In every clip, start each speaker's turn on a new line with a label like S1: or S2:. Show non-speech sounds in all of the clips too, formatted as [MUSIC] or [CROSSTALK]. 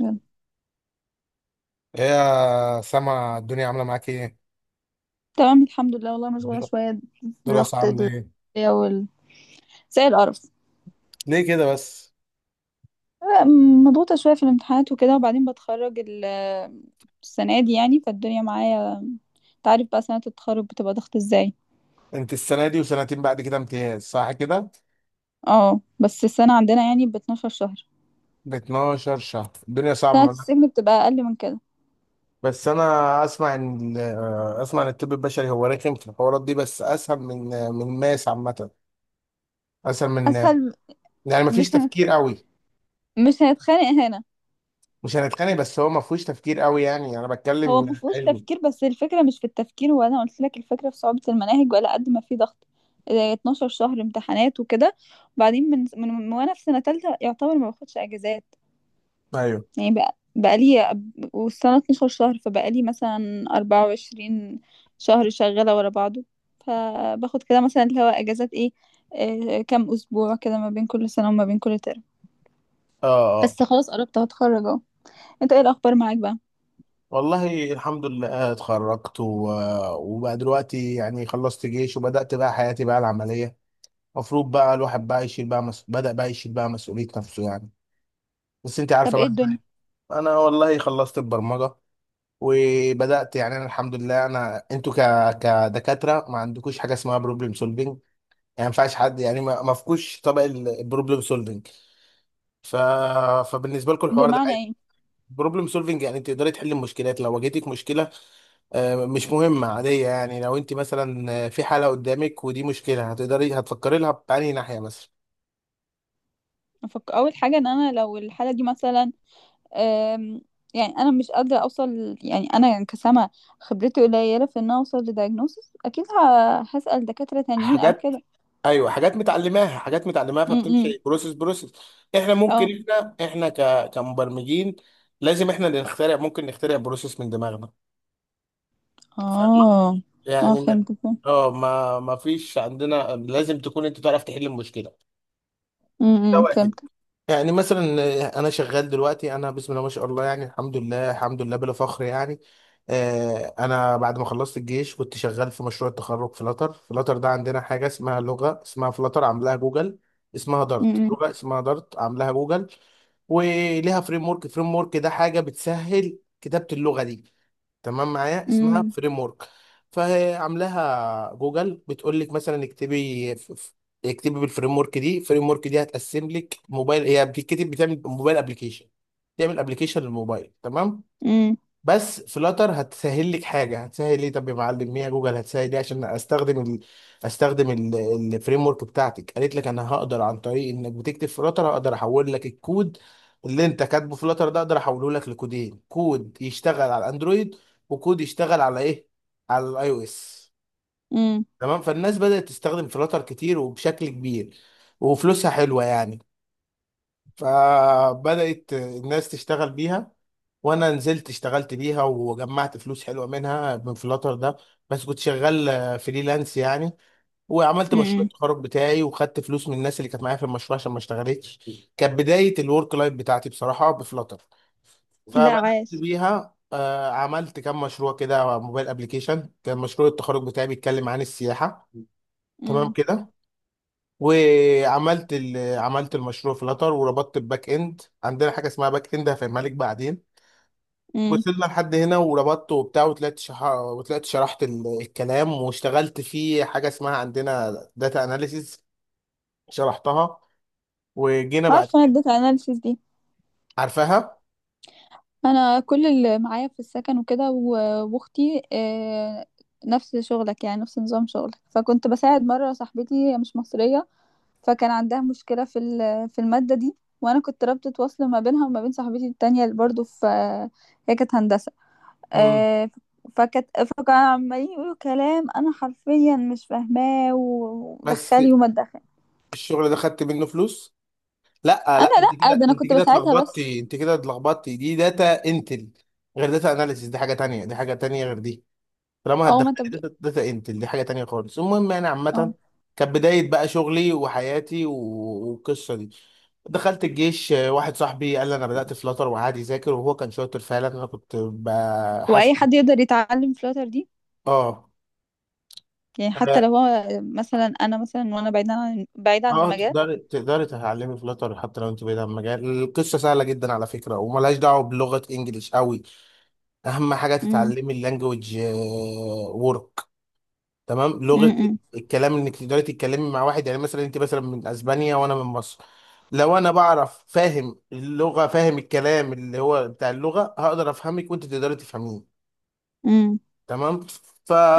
S1: يلا.
S2: ايه يا سما الدنيا عاملة معاك ايه؟
S1: تمام الحمد لله، والله مشغولة
S2: الدرا-
S1: شوية.
S2: الدراسة
S1: ضغط ال
S2: عاملة ايه؟
S1: وال زي القرف.
S2: ليه كده بس؟
S1: مضغوطة شوية في الامتحانات وكده، وبعدين بتخرج السنة دي يعني فالدنيا معايا. انت عارف بقى سنة التخرج بتبقى ضغط ازاي.
S2: انت السنة دي وسنتين بعد كده امتياز صح كده؟
S1: اه، بس السنة عندنا يعني ب 12 شهر.
S2: ب 12 شهر الدنيا
S1: سنة
S2: صعبة.
S1: السجن بتبقى أقل من كده.
S2: بس انا اسمع ان اسمع ان الطب البشري هو رخم في الحوارات دي بس اسهل من الماس عامة، اسهل من
S1: أسهل.
S2: يعني مفيش
S1: مش هنت...
S2: تفكير قوي.
S1: مش هنتخانق هنا.
S2: مش هنتخانق، بس هو مفهوش تفكير قوي يعني، انا
S1: هو ما
S2: بتكلم
S1: فيهوش
S2: علمي.
S1: تفكير، بس الفكرة مش في التفكير، وانا قلت لك الفكرة في صعوبة المناهج ولا قد ما في ضغط. آه، 12 شهر امتحانات وكده. وبعدين من وانا في سنة تالتة يعتبر ما باخدش اجازات.
S2: ايوه.
S1: يعني بقى لي، والسنة 12 شهر، فبقى لي مثلا 24 شهر شغالة ورا بعضه. فباخد كده مثلا اللي هو اجازات ايه. آه، كام اسبوع كده ما بين كل سنة وما بين كل ترم.
S2: اه.
S1: بس خلاص قربت هتخرج اهو. انت ايه الاخبار معاك بقى.
S2: والله الحمد لله اتخرجت وبقى دلوقتي يعني خلصت جيش، وبدأت بقى حياتي بقى العملية. المفروض بقى الواحد بقى يشيل بقى بدأ بقى يشيل بقى مسؤولية نفسه يعني. بس انت عارفة
S1: طب ايه
S2: بقى.
S1: الدنيا.
S2: انا والله خلصت البرمجة، وبدأت يعني، انا الحمد لله، انا انتوا كدكاترة ما عندكوش حاجة اسمها بروبلم سولفينج يعني. ما ينفعش حد يعني، ما فيكوش طبق البروبلم سولفينج، ف... فبالنسبة لكم الحوار ده.
S1: بمعنى إيه؟
S2: بروبلم سولفينج يعني انت تقدري تحلي المشكلات، لو واجهتك مشكلة مش مهمة عادية يعني، لو انت مثلا في حالة قدامك ودي مشكلة، هتقدري هتفكري لها بأنهي ناحية مثلا.
S1: اول حاجه ان انا لو الحاله دي مثلا. أم... يعني انا مش قادره اوصل. يعني انا كسامه خبرتي قليله في ان أنا اوصل لدايجنوسيس اكيد. هسال دكاتره تانيين او
S2: حاجات.
S1: كده.
S2: ايوه، حاجات متعلماها حاجات متعلماها،
S1: امم.
S2: فبتمشي بروسيس بروسيس. احنا ممكن،
S1: اه
S2: احنا كمبرمجين، لازم احنا اللي نخترع، ممكن نخترع بروسيس من دماغنا. فاهمة؟
S1: اه اه
S2: يعني ما...
S1: فهمت فهمت.
S2: اه ما فيش عندنا، لازم تكون انت تعرف تحل المشكلة. ده
S1: إمم،
S2: واحد.
S1: فهمت.
S2: يعني مثلا انا شغال دلوقتي، انا بسم الله ما شاء الله يعني، الحمد لله الحمد لله بلا فخر يعني. انا بعد ما خلصت الجيش كنت شغال في مشروع التخرج فلاتر ده عندنا حاجه اسمها لغه، اسمها فلاتر، عاملاها جوجل. اسمها دارت،
S1: امم
S2: لغه اسمها دارت عاملاها جوجل. وليها فريم ورك ده حاجه بتسهل كتابه اللغه دي. تمام معايا؟ اسمها
S1: امم
S2: فريم ورك. فهي عاملاها جوجل، بتقول لك مثلا اكتبي اكتبي بالفريم ورك دي، الفريم ورك دي هتقسم لك موبايل، هي بتكتب بتعمل موبايل ابلكيشن، تعمل ابلكيشن للموبايل، تمام؟
S1: امم امم
S2: بس فلاتر هتسهل لك حاجه. هتسهل ليه؟ طب يا معلم، ميا جوجل هتسهل ليه عشان استخدم استخدم الفريم ورك بتاعتك. قالت لك انا هقدر، عن طريق انك بتكتب فلاتر هقدر احول لك الكود اللي انت كاتبه فلاتر ده، اقدر احوله لك لكودين: كود يشتغل على الاندرويد، وكود يشتغل على ايه؟ على الاي او اس.
S1: إمم.
S2: تمام؟ فالناس بدأت تستخدم فلاتر كتير وبشكل كبير، وفلوسها حلوه يعني، فبدأت الناس تشتغل بيها. وانا نزلت اشتغلت بيها وجمعت فلوس حلوه منها من فلاتر ده. بس كنت شغال فريلانس يعني، وعملت مشروع
S1: إمم.
S2: التخرج بتاعي، وخدت فلوس من الناس اللي كانت معايا في المشروع عشان ما اشتغلتش. كانت بدايه الورك لايف بتاعتي بصراحه بفلاتر.
S1: لا
S2: فبدات
S1: عايش.
S2: بيها عملت كام مشروع كده موبايل ابلكيشن. كان مشروع التخرج بتاعي بيتكلم عن السياحه، تمام
S1: امم
S2: كده؟ وعملت عملت المشروع في لاتر، وربطت الباك اند. عندنا حاجه اسمها باك اند هفهمها لك بعدين،
S1: امم.
S2: وصلنا لحد هنا. وربطته وبتاع، وطلعت وطلعت شرحت الكلام، واشتغلت في حاجه اسمها عندنا داتا اناليسيز. شرحتها، وجينا بعد
S1: عارفه انا
S2: كده.
S1: اديت اناليسيس.
S2: عارفاها.
S1: انا كل اللي معايا في السكن وكده واختي. نفس شغلك يعني نفس نظام شغلك، فكنت بساعد مره صاحبتي هي مش مصريه. فكان عندها مشكله في الماده دي، وانا كنت رابطه وصل ما بينها وما بين صاحبتي التانية اللي برضو في. هي كانت هندسه.
S2: امم.
S1: آه، فكانت فكانوا عمالين يقولوا كلام انا حرفيا مش فاهماه،
S2: بس
S1: ودخلي وما تدخلي.
S2: الشغل ده خدت منه فلوس. لا
S1: انا،
S2: لا، انت كده
S1: لا، ده انا
S2: انت
S1: كنت
S2: كده
S1: بساعدها بس.
S2: اتلخبطتي، انت كده اتلخبطتي. دي داتا انتل، غير داتا اناليسيز. دي حاجه تانية، دي حاجه تانية غير دي. طالما
S1: اه، ما
S2: هتدخلي
S1: انت بتقول.
S2: داتا انت، دي حاجه تانية خالص. المهم يعني عامه،
S1: اه.
S2: كانت بدايه بقى شغلي وحياتي، والقصه دي. دخلت الجيش واحد صاحبي قال لي، انا بدات فلاتر وقعد يذاكر، وهو كان شاطر فعلا، انا كنت
S1: واي
S2: بحاسب.
S1: حد يقدر يتعلم فلاتر دي؟
S2: اه.
S1: يعني حتى
S2: اه.
S1: لو هو. مثلا انا مثلا، وانا بعيدة عن
S2: آه،
S1: المجال.
S2: تقدري تقدري تتعلمي فلاتر حتى لو انت بعيد عن المجال، القصه سهله جدا على فكره، وملهاش دعوه بلغه انجليش قوي. اهم حاجه
S1: امم
S2: تتعلمي اللانجوج وورك. تمام؟ لغه
S1: امم
S2: الكلام انك تقدري تتكلمي مع واحد، يعني مثلا انت مثلا من اسبانيا وانا من مصر، لو انا بعرف فاهم اللغه، فاهم الكلام اللي هو بتاع اللغه، هقدر افهمك وانت تقدري تفهميني.
S1: امم
S2: تمام؟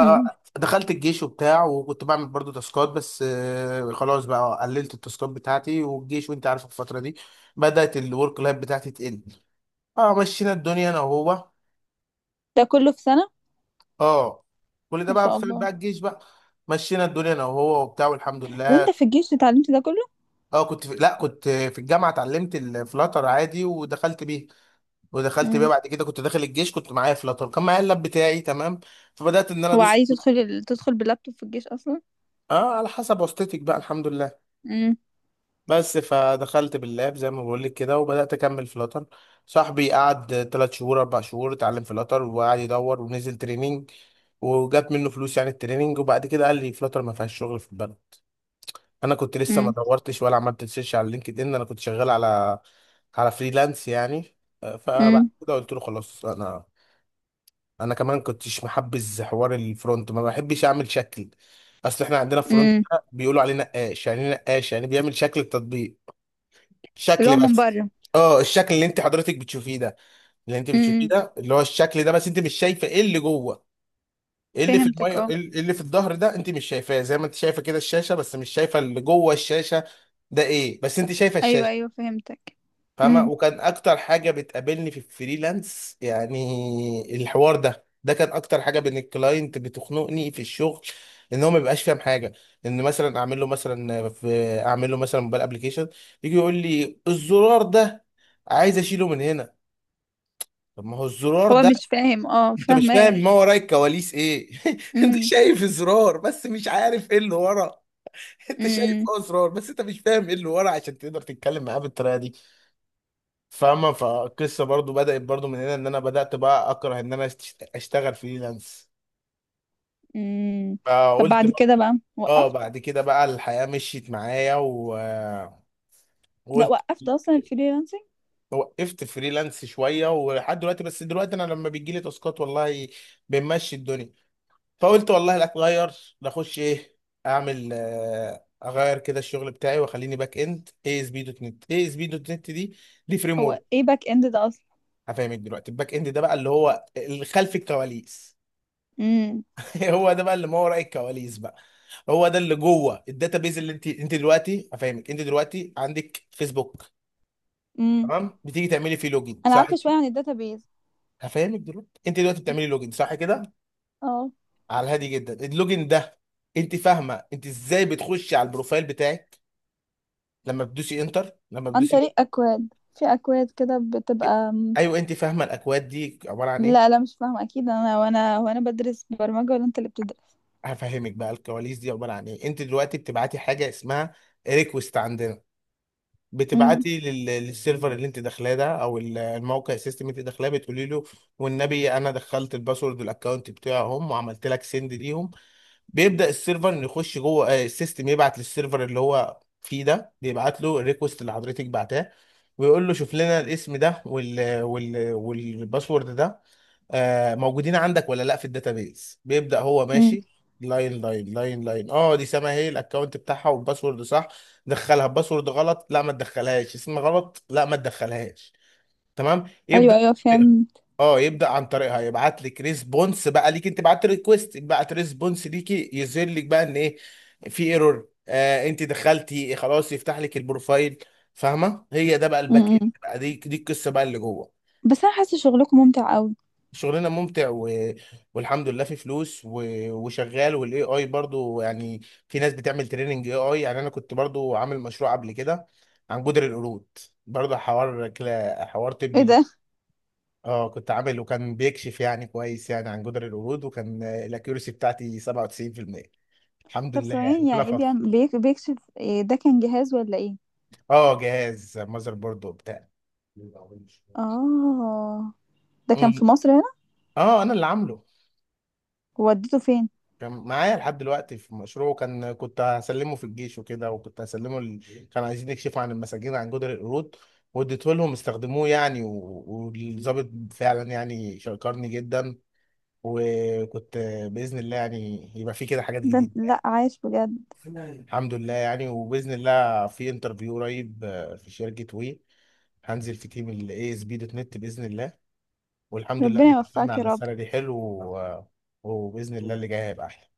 S1: امم.
S2: الجيش وبتاع، وكنت بعمل برضو تاسكات، بس خلاص بقى قللت التاسكات بتاعتي، والجيش وانت عارف الفتره دي. بدات الورك لايف بتاعتي تقل. اه، مشينا الدنيا انا وهو.
S1: ده كله في سنة؟
S2: اه، كل ده
S1: ما
S2: بقى
S1: شاء
S2: بسبب بقى
S1: الله.
S2: الجيش بقى. مشينا الدنيا انا وهو وبتاع، والحمد لله.
S1: وانت في الجيش اتعلمت ده كله؟
S2: اه كنت لا، كنت في الجامعه اتعلمت الفلاتر عادي ودخلت بيه
S1: امم.
S2: بعد كده، كنت داخل الجيش كنت معايا فلاتر، كان معايا اللاب بتاعي، تمام؟ فبدات ان انا
S1: هو
S2: ادوس.
S1: عادي تدخل باللابتوب في الجيش اصلا؟
S2: اه على حسب واسطتك بقى، الحمد لله.
S1: امم
S2: بس فدخلت باللاب زي ما بقول لك كده، وبدات اكمل فلاتر. صاحبي قعد ثلاث شهور اربع شهور اتعلم فلاتر، وقعد يدور ونزل تريننج، وجات منه فلوس يعني التريننج. وبعد كده قال لي فلاتر ما فيهاش شغل في البلد. انا كنت لسه ما
S1: امم
S2: دورتش ولا عملت سيرش على لينكد ان، انا كنت شغال على، على فريلانس يعني. فبعد
S1: امم
S2: كده قلت له خلاص، انا انا كمان كنتش محبذ حوار الفرونت، ما بحبش اعمل شكل. اصل احنا عندنا فرونت
S1: امم.
S2: ده بيقولوا عليه نقاش، يعني إيه نقاش؟ يعني بيعمل شكل التطبيق،
S1: اللي
S2: شكل
S1: هو من
S2: بس.
S1: بره.
S2: اه الشكل اللي انت حضرتك بتشوفيه ده، اللي انت بتشوفيه
S1: امم،
S2: ده اللي هو الشكل ده، بس انت مش شايفه ايه اللي جوه. إيه اللي في
S1: فهمتك
S2: الميه،
S1: اه.
S2: إيه اللي في الظهر ده؟ انت مش شايفاه، زي ما انت شايفه كده الشاشه، بس مش شايفه اللي جوه الشاشه، ده ايه؟ بس انت شايفه
S1: ايوه
S2: الشاشه.
S1: ايوه فهمتك.
S2: فاهمه؟
S1: امم.
S2: وكان اكتر حاجه بتقابلني في الفريلانس يعني الحوار ده، ده كان اكتر حاجه بين الكلاينت بتخنقني في الشغل. ان هو ما بيبقاش فاهم حاجه. ان مثلا اعمل له مثلا، في اعمل له مثلا موبايل ابلكيشن، يجي يقول لي الزرار ده عايز اشيله من هنا. طب ما هو الزرار
S1: هو
S2: ده،
S1: مش فاهم، اه
S2: انت مش فاهم
S1: فاهمك.
S2: ما وراء الكواليس ايه. [LAUGHS] انت
S1: امم
S2: شايف زرار بس مش عارف ايه اللي ورا. انت شايف
S1: امم
S2: اه زرار، بس انت مش فاهم ايه اللي ورا، عشان تقدر تتكلم معاه بالطريقه دي. فاهمه؟ فالقصه برضو بدات برضو من هنا، ان انا بدات بقى اكره ان انا اشتغل فريلانس.
S1: امم. طب
S2: فقلت
S1: بعد
S2: بقى،
S1: كده بقى
S2: اه
S1: وقفت.
S2: بعد كده بقى الحياه مشيت معايا
S1: لا،
S2: وقلت،
S1: وقفت اصلا الفريلانسنج.
S2: وقفت فريلانس شويه ولحد دلوقتي. بس دلوقتي انا لما بيجي لي تاسكات، والله بنمشي الدنيا. فقلت والله لا اتغير، نخش ايه؟ اعمل اغير كده الشغل بتاعي، واخليني باك اند اي اس بي دوت نت. اي اس بي دوت نت دي فريم ورك.
S1: هو ايه باك اند ده
S2: هفهمك دلوقتي، الباك اند ده بقى اللي هو اللي خلف الكواليس.
S1: اصلا؟
S2: [LAUGHS] هو ده بقى اللي ما وراء الكواليس بقى. هو ده اللي جوه الداتابيز، اللي انت دلوقتي، هفهمك، انت دلوقتي عندك فيسبوك،
S1: امم.
S2: تمام؟ بتيجي تعملي فيه لوجين،
S1: انا
S2: صح
S1: عارفه شويه
S2: كده؟
S1: عن الداتابيز.
S2: هفهمك دلوقتي، انت دلوقتي بتعملي لوجين، صح كده؟
S1: اه.
S2: على الهادي جدا، اللوجين ده، انت فاهمه انت ازاي بتخشي على البروفايل بتاعك، لما بتدوسي انتر، لما
S1: عن
S2: بتدوسي.
S1: طريق اكواد، في اكواد كده بتبقى
S2: ايوه، انت فاهمه الاكواد دي عباره عن ايه؟
S1: لا لا مش فاهمه اكيد، انا وانا وانا بدرس برمجه، ولا انت اللي بتدرس؟
S2: هفهمك بقى الكواليس دي عباره عن ايه. انت دلوقتي بتبعتي حاجه اسمها ريكوست عندنا.
S1: امم
S2: بتبعتي للسيرفر اللي انت داخلاه ده، او الموقع السيستم اللي انت داخلاه، بتقولي له والنبي انا دخلت الباسورد والاكونت بتاعهم وعملت لك سند ليهم. بيبدا السيرفر إنه يخش جوه السيستم، يبعت للسيرفر اللي هو فيه ده، بيبعت له الريكوست اللي حضرتك بعتاه، ويقول له شوف لنا الاسم ده والباسورد ده موجودين عندك ولا لا في الداتابيز. بيبدأ هو
S1: امم.
S2: ماشي لاين لاين لاين لاين. اه دي سما، هي الاكونت بتاعها والباسورد صح، دخلها. باسورد غلط، لا ما تدخلهاش. اسم غلط، لا ما تدخلهاش. تمام؟ يبدأ،
S1: ايوه ايوه فهمت.
S2: اه، يبدأ عن طريقها يبعت لك ريسبونس بقى ليك، انت بعت ريكوست، بعت ريسبونس ليكي، يظهر لك بقى ان ايه، في ايرور، انت دخلتي خلاص يفتح لك البروفايل. فاهمه؟ هي ده بقى الباك اند
S1: امم.
S2: بقى، دي القصه بقى اللي جوه.
S1: بس انا حاسه شغلكم ممتع قوي.
S2: شغلنا ممتع والحمد لله في فلوس وشغال. والاي اي برضو يعني، في ناس بتعمل تريننج اي اي يعني. انا كنت برضو عامل مشروع قبل كده عن جدر القرود، برضو حوار حوار
S1: ايه
S2: طبي.
S1: ده؟
S2: اه كنت عامل، وكان بيكشف يعني كويس يعني عن جدر القرود، وكان الاكيورسي بتاعتي 97%. الحمد
S1: طب
S2: لله يعني،
S1: ثواني،
S2: بلا
S1: يعني ايه
S2: فخر.
S1: بيعمل بيكشف إيه؟ ده كان جهاز ولا ايه؟
S2: اه جهاز ماذر بورد وبتاع.
S1: اه. ده كان
S2: مم.
S1: في مصر هنا؟
S2: اه انا اللي عامله،
S1: وديته فين؟
S2: كان معايا لحد دلوقتي في مشروعه، كان كنت هسلمه في الجيش وكده، وكنت هسلمه كانوا عايزين يكشفوا عن المساجين عن جدر القرود، واديته لهم استخدموه يعني، والضابط فعلا يعني شكرني جدا، وكنت، بإذن الله يعني يبقى في كده حاجات
S1: ده
S2: جديدة
S1: لا
S2: يعني.
S1: عايش بجد.
S2: الحمد لله يعني، وبإذن الله في انترفيو قريب في شركة وي، هنزل في تيم ال ASP دوت نت بإذن الله. والحمد لله إن
S1: ربنا
S2: اتفقنا
S1: يوفقك يا
S2: على
S1: رب.
S2: سالري حلو وبإذن الله اللي جاي هيبقى أحلى.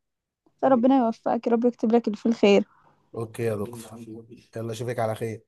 S1: لا ربنا يوفقك يا رب يكتب لك اللي فيه الخير.
S2: اوكي يا دكتور، يلا اشوفك على خير.